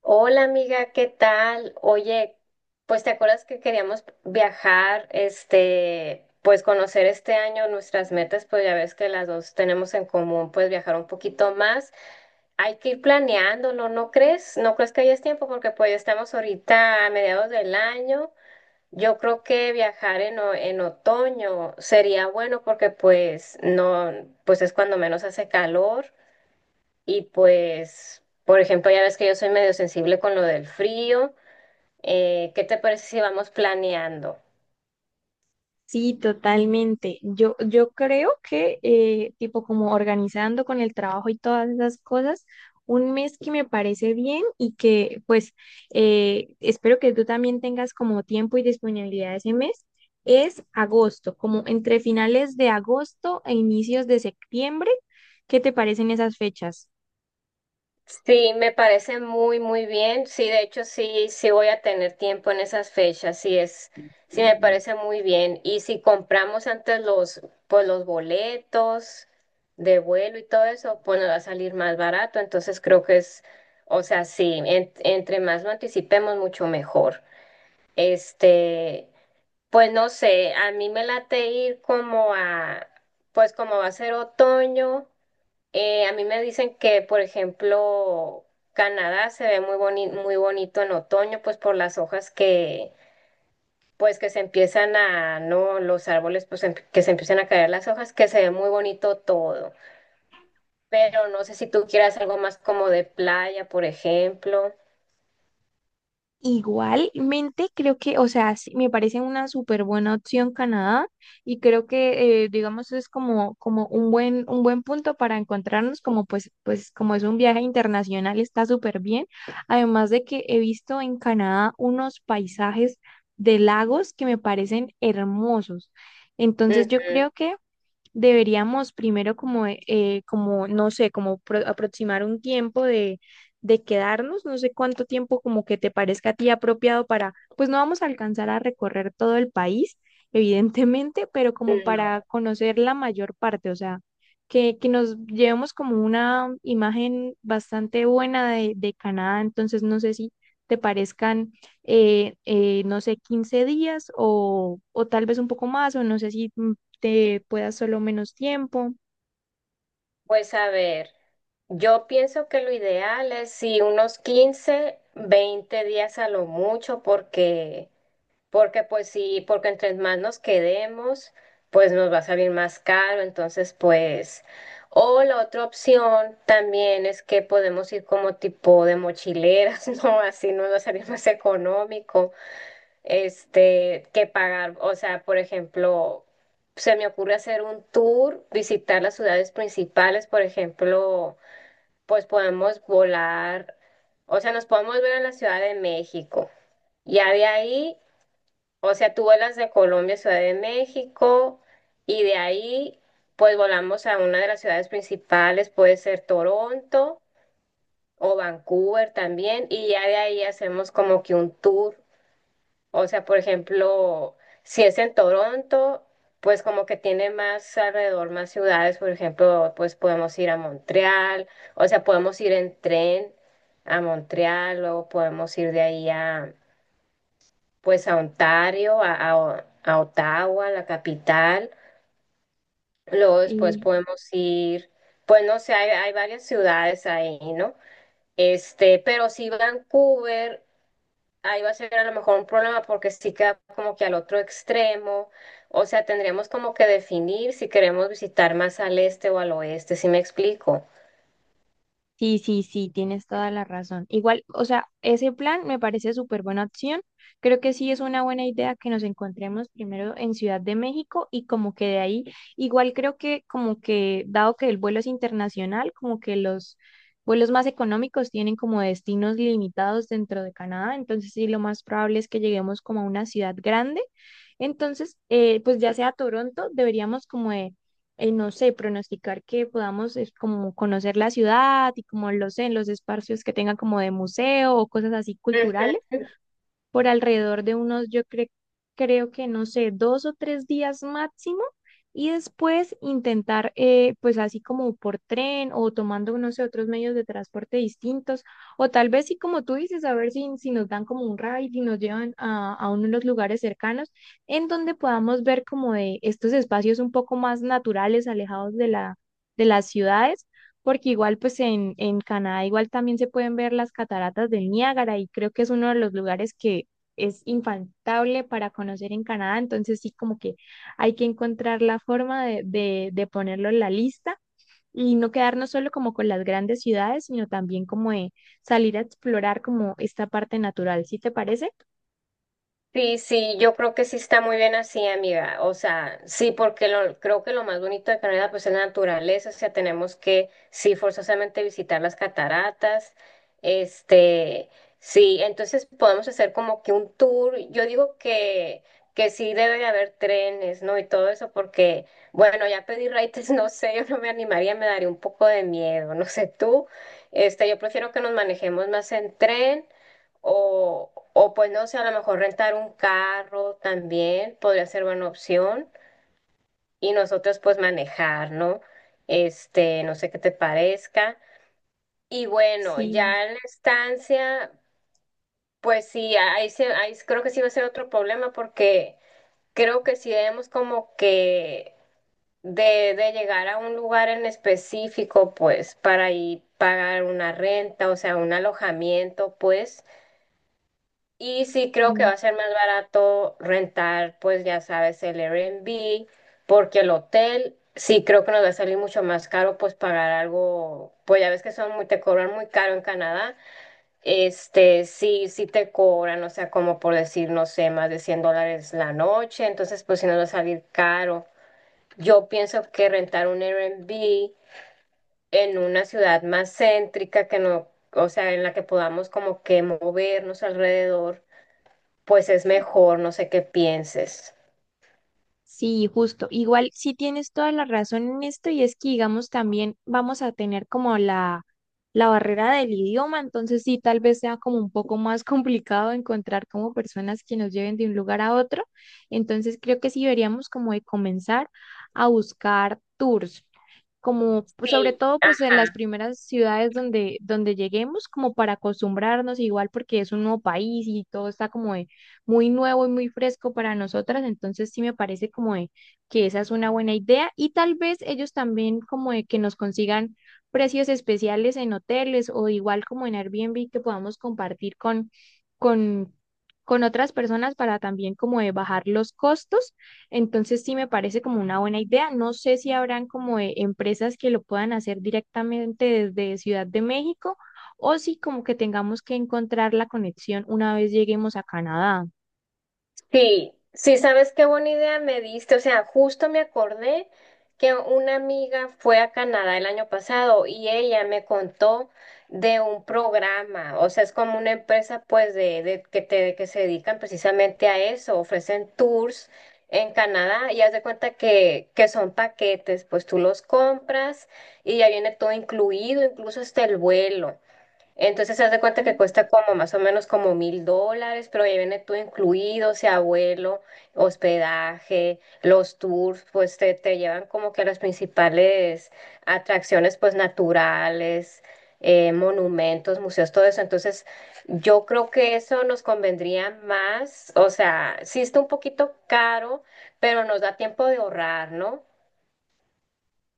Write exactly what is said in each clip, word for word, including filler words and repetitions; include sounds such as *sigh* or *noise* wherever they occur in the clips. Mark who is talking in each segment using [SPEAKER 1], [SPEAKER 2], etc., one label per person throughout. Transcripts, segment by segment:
[SPEAKER 1] Hola amiga, ¿qué tal? Oye, pues te acuerdas que queríamos viajar, este, pues conocer este año nuestras metas, pues ya ves que las dos tenemos en común, pues viajar un poquito más. Hay que ir planeándolo, ¿no crees? ¿No crees que hayas tiempo? Porque pues ya estamos ahorita a mediados del año. Yo creo que viajar en, o- en otoño sería bueno porque pues no, pues es cuando menos hace calor. Y pues, por ejemplo, ya ves que yo soy medio sensible con lo del frío. Eh, ¿qué te parece si vamos planeando?
[SPEAKER 2] Sí, totalmente. Yo, yo creo que, eh, tipo, como organizando con el trabajo y todas esas cosas, un mes que me parece bien y que, pues, eh, espero que tú también tengas como tiempo y disponibilidad ese mes, es agosto, como entre finales de agosto e inicios de septiembre. ¿Qué te parecen esas fechas?
[SPEAKER 1] Sí, me parece muy, muy bien. Sí, de hecho, sí, sí voy a tener tiempo en esas fechas. Sí es, sí me parece muy bien. Y si compramos antes los, pues los boletos de vuelo y todo eso, pues nos va a salir más barato. Entonces creo que es, o sea, sí, en- entre más lo anticipemos, mucho mejor. Este, Pues no sé, a mí me late ir como a, pues como va a ser otoño, eh, a mí me dicen que, por ejemplo, Canadá se ve muy boni- muy bonito en otoño, pues por las hojas que, pues que se empiezan a, no, los árboles, pues em- que se empiezan a caer las hojas, que se ve muy bonito todo. Pero no sé si tú quieras algo más como de playa, por ejemplo.
[SPEAKER 2] Igualmente, creo que, o sea, sí, me parece una súper buena opción Canadá y creo que, eh, digamos, es como, como un buen, un buen punto para encontrarnos, como pues, pues como es un viaje internacional, está súper bien. Además de que he visto en Canadá unos paisajes de lagos que me parecen hermosos. Entonces, yo creo que deberíamos primero como, eh, eh, como no sé, como pro- aproximar un tiempo de, de quedarnos, no sé cuánto tiempo como que te parezca a ti apropiado para, pues no vamos a alcanzar a recorrer todo el país, evidentemente, pero como
[SPEAKER 1] Ujú.
[SPEAKER 2] para conocer la mayor parte, o sea, que, que nos llevemos como una imagen bastante buena de, de Canadá, entonces no sé si te parezcan, eh, eh, no sé, quince días o, o tal vez un poco más, o no sé si te pueda solo menos tiempo.
[SPEAKER 1] Pues a ver, yo pienso que lo ideal es si unos quince, veinte días a lo mucho, porque, porque pues sí, porque entre más nos quedemos, pues nos va a salir más caro, entonces pues, o la otra opción también es que podemos ir como tipo de mochileras, *laughs* ¿no? Así nos va a salir más económico este, que pagar. O sea, por ejemplo, se me ocurre hacer un tour, visitar las ciudades principales, por ejemplo, pues podemos volar, o sea, nos podemos ver en la Ciudad de México. Ya de ahí, o sea, tú vuelas de Colombia a Ciudad de México y de ahí, pues volamos a una de las ciudades principales, puede ser Toronto o Vancouver también, y ya de ahí hacemos como que un tour. O sea, por ejemplo, si es en Toronto, pues como que tiene más alrededor, más ciudades, por ejemplo, pues podemos ir a Montreal, o sea, podemos ir en tren a Montreal, luego podemos ir de ahí a, pues a Ontario, a, a- a Ottawa, la capital, luego después
[SPEAKER 2] Y
[SPEAKER 1] podemos ir, pues no sé, hay, hay varias ciudades ahí, ¿no? Este, pero si Vancouver ahí va a ser a lo mejor un problema porque sí queda como que al otro extremo, o sea, tendríamos como que definir si queremos visitar más al este o al oeste, si me explico.
[SPEAKER 2] sí, sí, sí, tienes toda la razón. Igual, o sea, ese plan me parece súper buena opción. Creo que sí es una buena idea que nos encontremos primero en Ciudad de México y como que de ahí, igual creo que como que, dado que el vuelo es internacional, como que los vuelos más económicos tienen como destinos limitados dentro de Canadá, entonces sí, lo más probable es que lleguemos como a una ciudad grande. Entonces, eh, pues ya sea Toronto, deberíamos como de eh, no sé, pronosticar que podamos es como conocer la ciudad y como lo sé, en los espacios que tengan como de museo o cosas así culturales,
[SPEAKER 1] Ujú.
[SPEAKER 2] por alrededor de unos, yo cre- creo que no sé, dos o tres días máximo. Y después intentar, eh, pues así como por tren o tomando, no sé, otros medios de transporte distintos, o tal vez sí como tú dices, a ver si, si nos dan como un ride y nos llevan a, a uno de los lugares cercanos en donde podamos ver como de estos espacios un poco más naturales, alejados de la, de las ciudades porque igual pues en, en Canadá igual también se pueden ver las cataratas del Niágara y creo que es uno de los lugares que es infaltable para conocer en Canadá, entonces sí como que hay que encontrar la forma de, de, de ponerlo en la lista y no quedarnos solo como con las grandes ciudades, sino también como de salir a explorar como esta parte natural, ¿sí te parece?
[SPEAKER 1] Sí, sí, yo creo que sí está muy bien así, amiga. O sea, sí, porque lo, creo que lo más bonito de Canadá pues es la naturaleza, o sea, tenemos que sí forzosamente visitar las cataratas. Este, sí, entonces podemos hacer como que un tour. Yo digo que que sí debe de haber trenes, ¿no? Y todo eso porque bueno, ya pedí raites, *laughs* no sé, yo no me animaría, me daría un poco de miedo, no sé tú. Este, yo prefiero que nos manejemos más en tren. O, o pues no sé, a lo mejor rentar un carro también podría ser buena opción y nosotros pues manejar, ¿no? Este, no sé qué te parezca. Y bueno,
[SPEAKER 2] Sí.
[SPEAKER 1] ya en la estancia, pues sí, ahí, se- ahí creo que sí va a ser otro problema porque creo que si debemos como que de, de llegar a un lugar en específico, pues para ir pagar una renta, o sea, un alojamiento, pues. Y sí, creo que
[SPEAKER 2] Mm.
[SPEAKER 1] va a ser más barato rentar, pues ya sabes, el Airbnb, porque el hotel sí creo que nos va a salir mucho más caro, pues pagar algo, pues ya ves que son muy, te cobran muy caro en Canadá, este, sí, sí te cobran, o sea, como por decir, no sé, más de cien dólares la noche, entonces pues sí nos va a salir caro. Yo pienso que rentar un Airbnb en una ciudad más céntrica que no, o sea, en la que podamos como que movernos alrededor pues es mejor, no sé qué pienses.
[SPEAKER 2] Sí, justo. Igual sí tienes toda la razón en esto y es que, digamos, también vamos a tener como la, la barrera del idioma, entonces sí, tal vez sea como un poco más *laughs* complicado encontrar como personas que nos lleven de un lugar a otro. Entonces creo que sí deberíamos como de comenzar a buscar tours como pues, sobre
[SPEAKER 1] Sí,
[SPEAKER 2] todo pues
[SPEAKER 1] ah,
[SPEAKER 2] en las primeras ciudades donde, donde lleguemos, como para acostumbrarnos igual porque es un nuevo país y todo está como de muy nuevo y muy fresco para nosotras, entonces sí me parece como de que esa es una buena idea y tal vez ellos también como de que nos consigan precios especiales en hoteles o igual como en Airbnb que podamos compartir con, con, con otras personas para también como de bajar los costos entonces sí me parece como una buena idea. No sé si habrán como eh, empresas que lo puedan hacer directamente desde Ciudad de México o si como que tengamos que encontrar la conexión una vez lleguemos a Canadá.
[SPEAKER 1] sí, sí, sabes qué buena idea me diste. O sea, justo me acordé que una amiga fue a Canadá el año pasado y ella me contó de un programa. O sea, es como una empresa, pues, de, de que te, que se dedican precisamente a eso. Ofrecen tours en Canadá y haz de cuenta que, que son paquetes, pues tú los compras y ya viene todo incluido, incluso hasta el vuelo. Entonces se hace cuenta que
[SPEAKER 2] Ah.
[SPEAKER 1] cuesta como más o menos como mil dólares, pero ya viene todo incluido, o sea, vuelo, hospedaje, los tours, pues te, te llevan como que a las principales atracciones pues naturales, eh, monumentos, museos, todo eso. Entonces yo creo que eso nos convendría más, o sea, sí está un poquito caro, pero nos da tiempo de ahorrar, ¿no?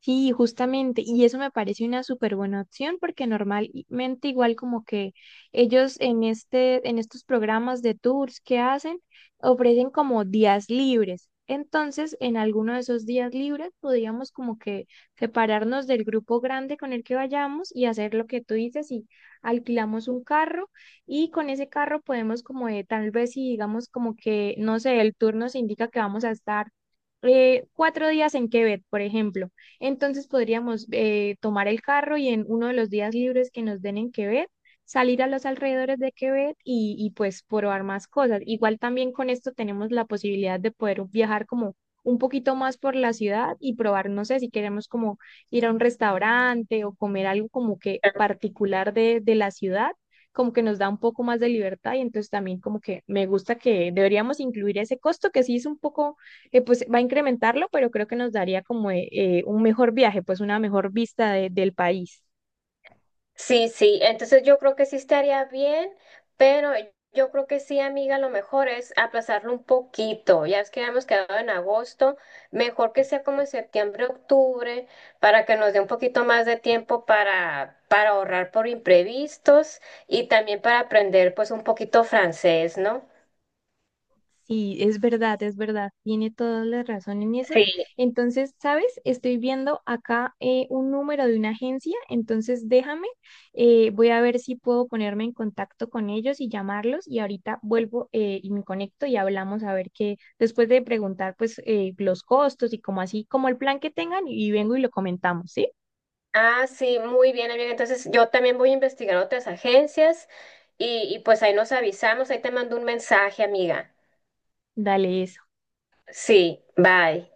[SPEAKER 2] Sí, justamente, y eso me parece una súper buena opción porque normalmente igual como que ellos en este, en estos programas de tours que hacen, ofrecen como días libres. Entonces, en alguno de esos días libres podríamos como que separarnos del grupo grande con el que vayamos y hacer lo que tú dices y alquilamos un carro y con ese carro podemos como de, tal vez si digamos como que, no sé, el tour nos indica que vamos a estar eh, cuatro días en Quebec, por ejemplo. Entonces podríamos eh, tomar el carro y en uno de los días libres que nos den en Quebec, salir a los alrededores de Quebec y, y pues probar más cosas. Igual también con esto tenemos la posibilidad de poder viajar como un poquito más por la ciudad y probar, no sé, si queremos como ir a un restaurante o comer algo como que particular de, de la ciudad, como que nos da un poco más de libertad y entonces también como que me gusta que deberíamos incluir ese costo que sí es un poco eh, pues va a incrementarlo, pero creo que nos daría como eh, eh, un mejor viaje, pues una mejor vista de- del país.
[SPEAKER 1] Sí, sí, entonces yo creo que sí estaría bien, pero yo creo que sí, amiga, lo mejor es aplazarlo un poquito. Ya es que habíamos quedado en agosto, mejor que sea como en septiembre, octubre, para que nos dé un poquito más de tiempo para, para ahorrar por imprevistos y también para aprender pues un poquito francés, ¿no?
[SPEAKER 2] Sí, es verdad, es verdad, tiene toda la razón en eso.
[SPEAKER 1] Sí.
[SPEAKER 2] Entonces, ¿sabes? Estoy viendo acá eh, un número de una agencia, entonces déjame, eh, voy a ver si puedo ponerme en contacto con ellos y llamarlos y ahorita vuelvo eh, y me conecto y hablamos a ver qué, después de preguntar pues eh, los costos y como así, como el plan que tengan y vengo y lo comentamos, ¿sí?
[SPEAKER 1] Ah, sí, muy bien, amiga. Entonces yo también voy a investigar otras agencias y, y pues ahí nos avisamos, ahí te mando un mensaje, amiga.
[SPEAKER 2] Dale, eso.
[SPEAKER 1] Sí, bye.